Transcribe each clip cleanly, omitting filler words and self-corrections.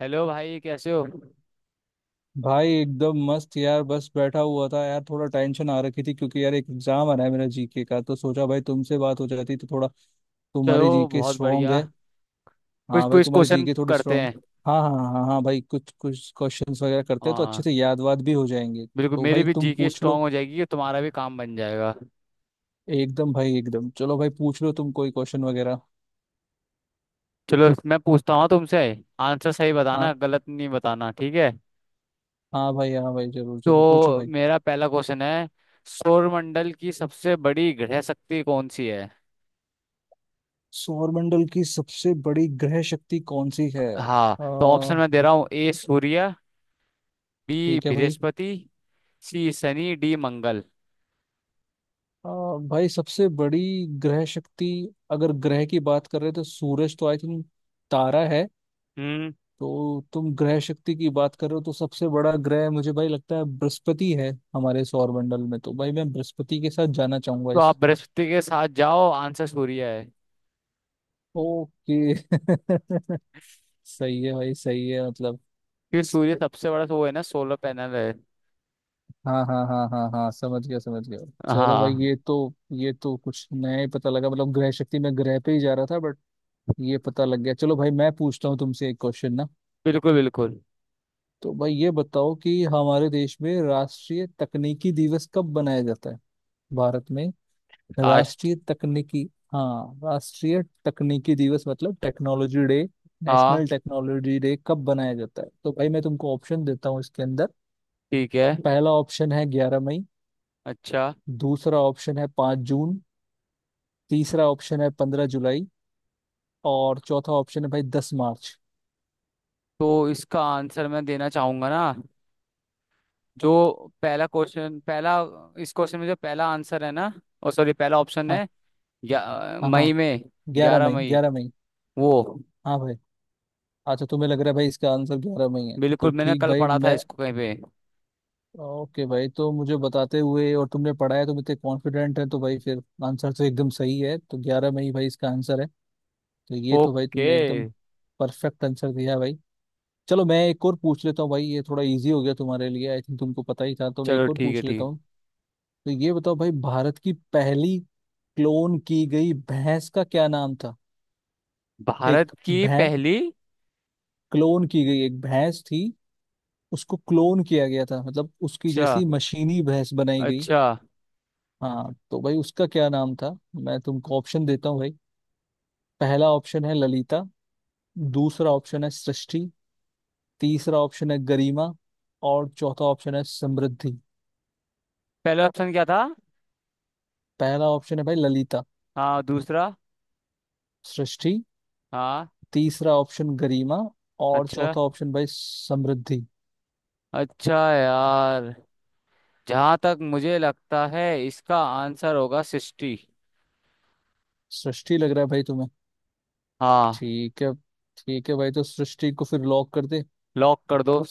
Hello भाई, कैसे हो। भाई एकदम मस्त यार, बस बैठा हुआ था यार। थोड़ा टेंशन आ रखी थी क्योंकि यार एक एग्जाम आ रहा है मेरा जीके का, तो सोचा भाई तुमसे बात हो जाती तो थोड़ा। तुम्हारी चलो, जीके बहुत स्ट्रांग बढ़िया। है। कुछ हाँ भाई, कुछ तुम्हारी क्वेश्चन जीके थोड़ी करते स्ट्रांग। हैं। हाँ हाँ हाँ हाँ हाँ भाई, कुछ कुछ क्वेश्चंस वगैरह करते हैं तो अच्छे हाँ, से याद वाद भी हो जाएंगे। बिल्कुल तो मेरी भाई भी तुम जीके पूछ स्ट्रांग लो। हो जाएगी, तुम्हारा भी काम बन जाएगा। एकदम भाई, एकदम। चलो भाई, पूछ लो तुम कोई क्वेश्चन वगैरह। चलो, मैं पूछता हूँ तुमसे। आंसर सही बताना, हाँ। गलत नहीं बताना, ठीक है। हाँ भाई, हाँ भाई, जरूर जरूर पूछो तो भाई। मेरा पहला क्वेश्चन है। सौरमंडल की सबसे बड़ी ग्रह शक्ति कौन सी है। सौरमंडल की सबसे बड़ी ग्रह शक्ति कौन सी है? हाँ, तो ऑप्शन मैं दे रहा हूँ। ए सूर्य, बी ठीक है भाई। बृहस्पति, सी शनि, डी मंगल। आ, भाई सबसे बड़ी ग्रह शक्ति, अगर ग्रह की बात कर रहे हो तो सूरज तो आई थिंक तारा है। हम्म। तो तुम ग्रह शक्ति की बात कर रहे हो तो सबसे बड़ा ग्रह मुझे भाई लगता है बृहस्पति है हमारे सौरमंडल में, तो भाई मैं बृहस्पति के साथ जाना चाहूंगा तो इस आप बृहस्पति के साथ जाओ, आंसर सूर्य है। ओके सही है भाई, सही है मतलब। कि सूर्य सबसे बड़ा तो वो है ना, सोलर पैनल है। हाँ हाँ हाँ हाँ हाँ, समझ गया, समझ गया। चलो भाई, हाँ, ये तो कुछ नया ही पता लगा, मतलब ग्रह शक्ति में ग्रह पे ही जा रहा था बट ये पता लग गया। चलो भाई, मैं पूछता हूँ तुमसे एक क्वेश्चन ना। बिल्कुल बिल्कुल। तो भाई ये बताओ कि हमारे देश में राष्ट्रीय तकनीकी दिवस कब मनाया जाता है, भारत में? आज। राष्ट्रीय तकनीकी, हाँ, राष्ट्रीय तकनीकी दिवस मतलब टेक्नोलॉजी डे, हाँ, नेशनल टेक्नोलॉजी डे कब मनाया जाता है? तो भाई मैं तुमको ऑप्शन देता हूँ इसके अंदर। ठीक है। पहला ऑप्शन है 11 मई। अच्छा, दूसरा ऑप्शन है 5 जून। तीसरा ऑप्शन है 15 जुलाई। और चौथा ऑप्शन है भाई 10 मार्च। तो इसका आंसर मैं देना चाहूंगा ना। जो पहला क्वेश्चन पहला इस क्वेश्चन में जो पहला आंसर है ना। ओ सॉरी, पहला ऑप्शन हाँ है। हाँ मई हाँ। में। ग्यारह ग्यारह मई, मई ग्यारह मई। वो। हाँ भाई। अच्छा, तुम्हें लग रहा है भाई इसका आंसर ग्यारह मई है तो बिल्कुल, मैंने ठीक कल भाई पढ़ा था मैं। इसको कहीं पे। ओके भाई, तो मुझे बताते हुए और तुमने पढ़ा है, तुम इतने कॉन्फिडेंट है तो भाई फिर आंसर तो एकदम सही है। तो ग्यारह में ही भाई इसका आंसर है। तो ये तो भाई ओके। तुमने एकदम परफेक्ट आंसर दिया भाई। चलो मैं एक और पूछ लेता हूँ भाई, ये थोड़ा इजी हो गया तुम्हारे लिए आई थिंक, तुमको पता ही था तो मैं एक चलो और ठीक है, पूछ लेता ठीक। हूँ। तो ये बताओ भाई, भारत की पहली क्लोन की गई भैंस का क्या नाम था? भारत एक की भैंस, पहली। क्लोन की गई एक भैंस थी, उसको क्लोन किया गया था, मतलब उसकी अच्छा जैसी मशीनी भैंस बनाई गई। अच्छा। हाँ तो भाई उसका क्या नाम था? मैं तुमको ऑप्शन देता हूँ भाई। पहला ऑप्शन है ललिता। दूसरा ऑप्शन है सृष्टि। तीसरा ऑप्शन है गरिमा। और चौथा ऑप्शन है समृद्धि। पहला ऑप्शन क्या था। पहला ऑप्शन है भाई ललिता। हाँ, दूसरा। सृष्टि। हाँ। तीसरा ऑप्शन गरिमा। और अच्छा। चौथा ऑप्शन भाई समृद्धि। अच्छा यार, जहाँ तक मुझे लगता है इसका आंसर होगा 60। सृष्टि लग रहा है भाई तुम्हें? हाँ, ठीक है। ठीक है भाई, तो सृष्टि को फिर लॉक कर दे। लॉक कर दो।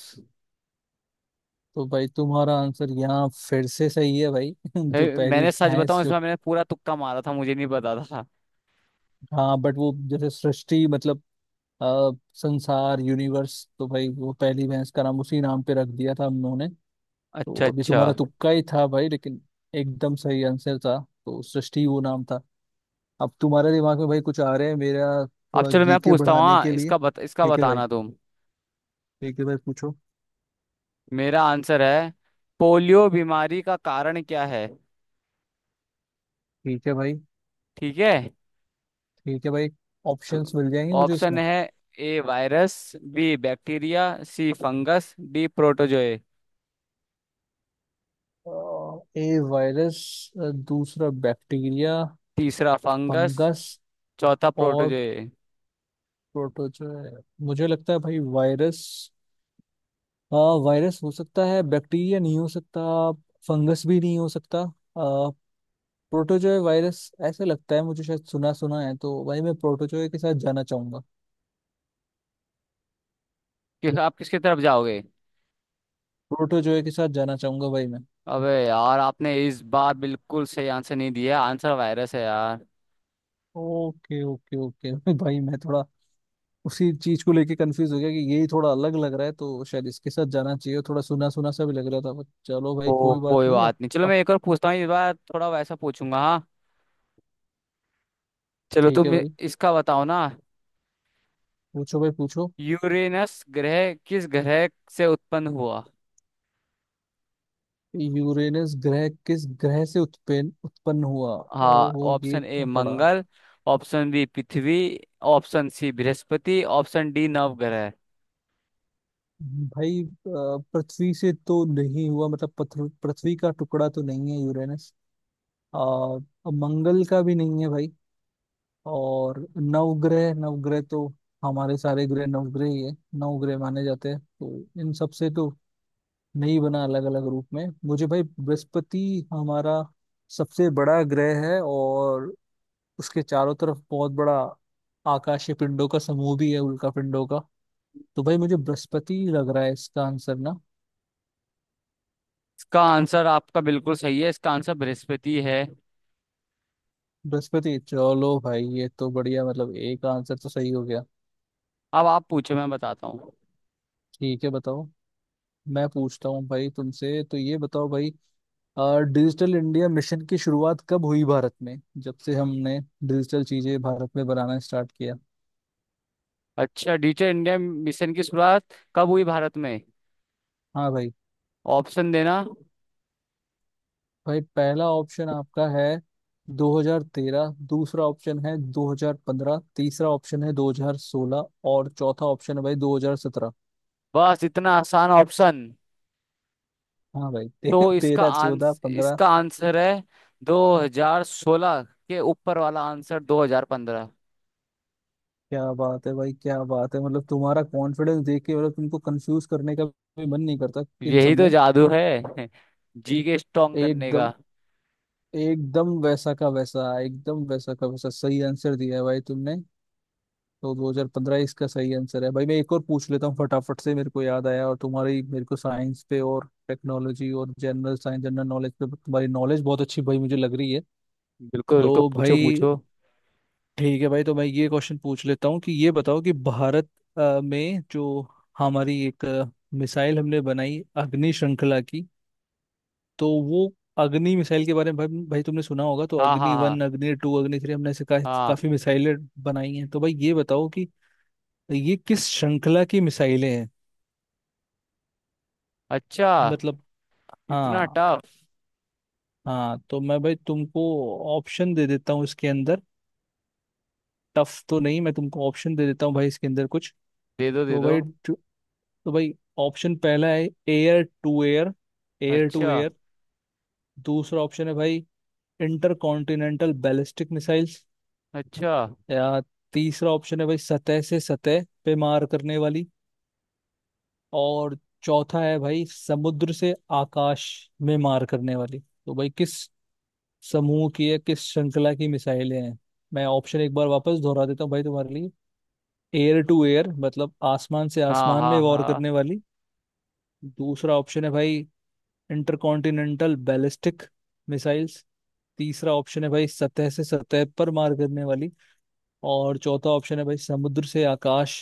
तो भाई तुम्हारा आंसर यहाँ फिर से सही है भाई जो पहली मैंने सच बताऊं, भैंस जो। इसमें मैंने पूरा तुक्का मारा था, मुझे नहीं पता था। हाँ बट वो जैसे सृष्टि मतलब, संसार, यूनिवर्स, तो भाई वो पहली भैंस का नाम उसी नाम पे रख दिया था हम लोगों ने। तो अच्छा अभी अच्छा। तुम्हारा तुक्का ही था भाई, लेकिन एकदम सही आंसर था। तो सृष्टि वो नाम था। अब तुम्हारे दिमाग में भाई कुछ आ रहे हैं मेरा अब थोड़ा चलो, मैं जीके पूछता हूँ। बढ़ाने हाँ, के लिए। इसका ठीक है भाई। बताना तुम। ठीक है भाई पूछो। मेरा आंसर है। पोलियो बीमारी का कारण क्या है। ठीक है भाई। ठीक है। ठीक है भाई। तो ऑप्शंस मिल जाएंगे मुझे ऑप्शन इसमें। है। A virus, B bacteria, C fungus, D protozoa. A virus, दूसरा बैक्टीरिया, तीसरा फंगस, फंगस चौथा और प्रोटोजोए। प्रोटोजोआ। मुझे लगता है भाई वायरस। अ, वायरस हो सकता है, बैक्टीरिया नहीं हो सकता, फंगस भी नहीं हो सकता। प्रोटोजोय वायरस, ऐसे लगता है मुझे, शायद सुना सुना है। तो भाई मैं प्रोटोजोय के साथ जाना चाहूंगा। कि आप किसकी तरफ जाओगे। प्रोटोजोय के साथ जाना चाहूंगा भाई मैं। अबे यार, आपने इस बार बिल्कुल सही आंसर नहीं दिया, आंसर वायरस है यार। ओके ओके ओके भाई मैं थोड़ा उसी चीज को लेके कंफ्यूज हो गया कि यही थोड़ा अलग लग रहा है तो शायद इसके साथ जाना चाहिए, थोड़ा सुना सुना सा भी लग रहा था बट चलो भाई, ओ कोई बात कोई नहीं अब। बात नहीं, चलो मैं अब एक और पूछता हूँ। इस बार थोड़ा वैसा पूछूंगा। हाँ, चलो ठीक है तुम भाई। इसका बताओ ना। पूछो भाई, पूछो। यूरेनस ग्रह किस ग्रह से उत्पन्न हुआ। यूरेनस ग्रह किस ग्रह से उत्पन्न उत्पन्न हुआ? हाँ, ओहो, ये ऑप्शन ए तो पड़ा। मंगल, ऑप्शन बी पृथ्वी, ऑप्शन सी बृहस्पति, ऑप्शन डी नवग्रह। भाई पृथ्वी से तो नहीं हुआ, मतलब पृथ्वी का टुकड़ा तो नहीं है यूरेनस। और मंगल का भी नहीं है भाई। और नवग्रह, नवग्रह तो हमारे सारे ग्रह नवग्रह ही है, नवग्रह माने जाते हैं। तो इन सब से तो नहीं बना अलग अलग रूप में। मुझे भाई बृहस्पति हमारा सबसे बड़ा ग्रह है और उसके चारों तरफ बहुत बड़ा आकाशीय पिंडों का समूह भी है, उल्का पिंडों का। तो भाई मुझे बृहस्पति लग रहा है इसका आंसर ना। इसका आंसर आपका बिल्कुल सही है, इसका आंसर बृहस्पति है। बृहस्पति। चलो भाई, ये तो बढ़िया, मतलब एक आंसर तो सही हो गया। अब आप पूछो, मैं बताता। ठीक है, बताओ। मैं पूछता हूँ भाई तुमसे, तो ये बताओ भाई डिजिटल इंडिया मिशन की शुरुआत कब हुई भारत में, जब से हमने डिजिटल चीजें भारत में बनाना स्टार्ट किया। अच्छा, डिजिटल इंडिया मिशन की शुरुआत कब हुई भारत में। हाँ भाई। ऑप्शन देना। भाई पहला ऑप्शन आपका है 2013। दूसरा ऑप्शन है 2015। तीसरा ऑप्शन है 2016। और चौथा ऑप्शन है भाई 2017। बस इतना आसान ऑप्शन। हाँ भाई तो तेरह, चौदह, पंद्रह। इसका आंसर है 2016 के ऊपर वाला आंसर, 2015। क्या बात है भाई, क्या बात है, मतलब तुम्हारा कॉन्फिडेंस देख के मतलब तुमको कंफ्यूज करने का भी मन नहीं करता इन सब यही तो में। जादू है। जी के स्ट्रॉन्ग करने का। एकदम, एकदम वैसा का वैसा, एकदम वैसा का वैसा सही आंसर दिया है भाई तुमने। तो 2015 इसका सही आंसर है भाई। मैं एक और पूछ लेता हूँ फटाफट से, मेरे को याद आया। और तुम्हारी, मेरे को साइंस पे और टेक्नोलॉजी और जनरल साइंस, जनरल नॉलेज पे तुम्हारी नॉलेज बहुत अच्छी भाई मुझे लग रही है। बिल्कुल बिल्कुल, तो पूछो भाई, पूछो। ठीक है भाई तो मैं ये क्वेश्चन पूछ लेता हूँ कि ये बताओ कि भारत में जो हमारी एक मिसाइल हमने बनाई अग्नि श्रृंखला की, तो वो अग्नि मिसाइल के बारे में भाई तुमने सुना होगा। तो हाँ अग्नि हाँ वन हाँ अग्नि 2, अग्नि 3 हमने ऐसे हाँ। काफी मिसाइलें बनाई हैं। तो भाई ये बताओ कि ये किस श्रृंखला की मिसाइलें हैं? अच्छा। मतलब। इतना हाँ टफ। हाँ। तो मैं भाई तुमको ऑप्शन दे देता हूँ इसके अंदर। टफ तो नहीं, मैं तुमको ऑप्शन दे देता हूँ भाई इसके अंदर कुछ। दे दो दे तो दो। भाई तो भाई ऑप्शन पहला है air to air air to अच्छा एयर दूसरा ऑप्शन है भाई इंटर कॉन्टिनेंटल बैलिस्टिक मिसाइल्स। अच्छा। या, तीसरा ऑप्शन है भाई सतह से सतह पे मार करने वाली। और चौथा है भाई समुद्र से आकाश में मार करने वाली। तो भाई किस समूह की है, किस श्रृंखला की मिसाइलें हैं? मैं ऑप्शन एक बार वापस दोहरा देता हूँ भाई तुम्हारे लिए। एयर टू एयर, मतलब आसमान से हाँ आसमान में हाँ वॉर करने हाँ। वाली। दूसरा ऑप्शन है भाई इंटरकॉन्टिनेंटल बैलिस्टिक मिसाइल्स। तीसरा ऑप्शन है भाई सतह से सतह पर मार करने वाली। और चौथा ऑप्शन है भाई समुद्र से आकाश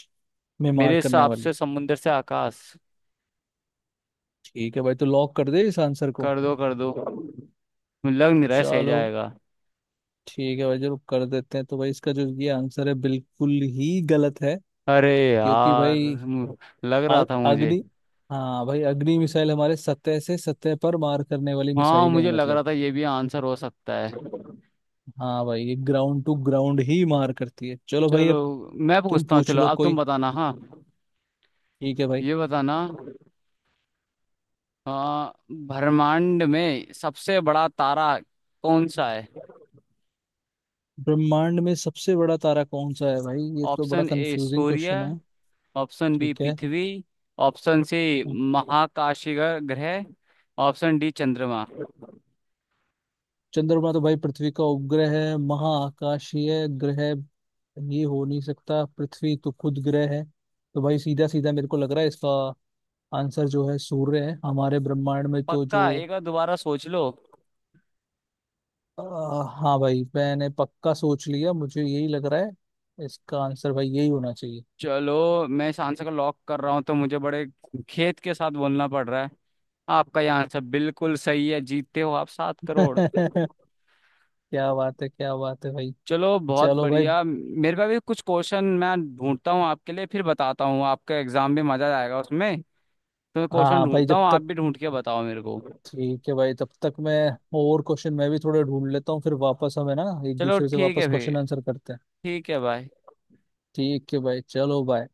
में मेरे मार करने हिसाब वाली। से समुंदर से आकाश। ठीक है भाई, तो लॉक कर दे इस आंसर को। कर दो कर दो। लग नहीं रहा है सही चलो, जाएगा। ठीक है भाई, जरूर कर देते हैं। तो भाई इसका जो ये आंसर है बिल्कुल ही गलत है अरे क्योंकि यार भाई मु- लग आ- रहा था मुझे। अग्नि। हाँ भाई, अग्नि मिसाइल हमारे सतह से सतह पर मार करने वाली हाँ, मिसाइलें हैं, मुझे लग मतलब। रहा था ये भी आंसर हो सकता है। हाँ भाई, ये ग्राउंड टू ग्राउंड ही मार करती है। चलो भाई, चलो अब। मैं तुम पूछता हूँ। पूछ चलो लो अब तुम कोई। बताना, हाँ। ठीक है भाई। ये बताना। हाँ, ब्रह्मांड में सबसे बड़ा तारा कौन सा है। ब्रह्मांड में सबसे बड़ा तारा कौन सा है भाई, ये तो बड़ा ऑप्शन ए कंफ्यूजिंग सूर्य, क्वेश्चन है। ऑप्शन बी ठीक है। पृथ्वी, ऑप्शन सी महाकाशीय ग्रह, ऑप्शन डी चंद्रमा। चंद्रमा तो भाई पृथ्वी का उपग्रह है, महाआकाशीय ग्रह ये हो नहीं सकता, पृथ्वी तो खुद ग्रह है। तो भाई सीधा सीधा मेरे को लग रहा है इसका आंसर जो है सूर्य है हमारे ब्रह्मांड में तो जो। पक्का एक बार दोबारा सोच लो। आ, हाँ भाई, मैंने पक्का सोच लिया, मुझे यही लग रहा है इसका आंसर, भाई यही होना चाहिए। चलो मैं इस आंसर को लॉक कर रहा हूँ, तो मुझे बड़े खेत के साथ बोलना पड़ रहा है। आपका यह आंसर बिल्कुल सही है, जीतते हो आप सात करोड़ क्या बात है, क्या बात है भाई। चलो बहुत चलो भाई। बढ़िया, मेरे पास भी कुछ क्वेश्चन मैं ढूंढता हूँ आपके लिए, फिर बताता हूँ। आपका एग्जाम भी मजा आएगा उसमें। तो मैं हाँ क्वेश्चन हाँ भाई, ढूंढता जब हूँ, आप तक। भी ढूंढ के बताओ मेरे को। ठीक है भाई, तब तक मैं और क्वेश्चन मैं भी थोड़े ढूंढ लेता हूँ फिर वापस हम है ना, एक चलो दूसरे से ठीक है वापस फिर। क्वेश्चन आंसर करते हैं। ठीक है भाई। ठीक है भाई, चलो बाय।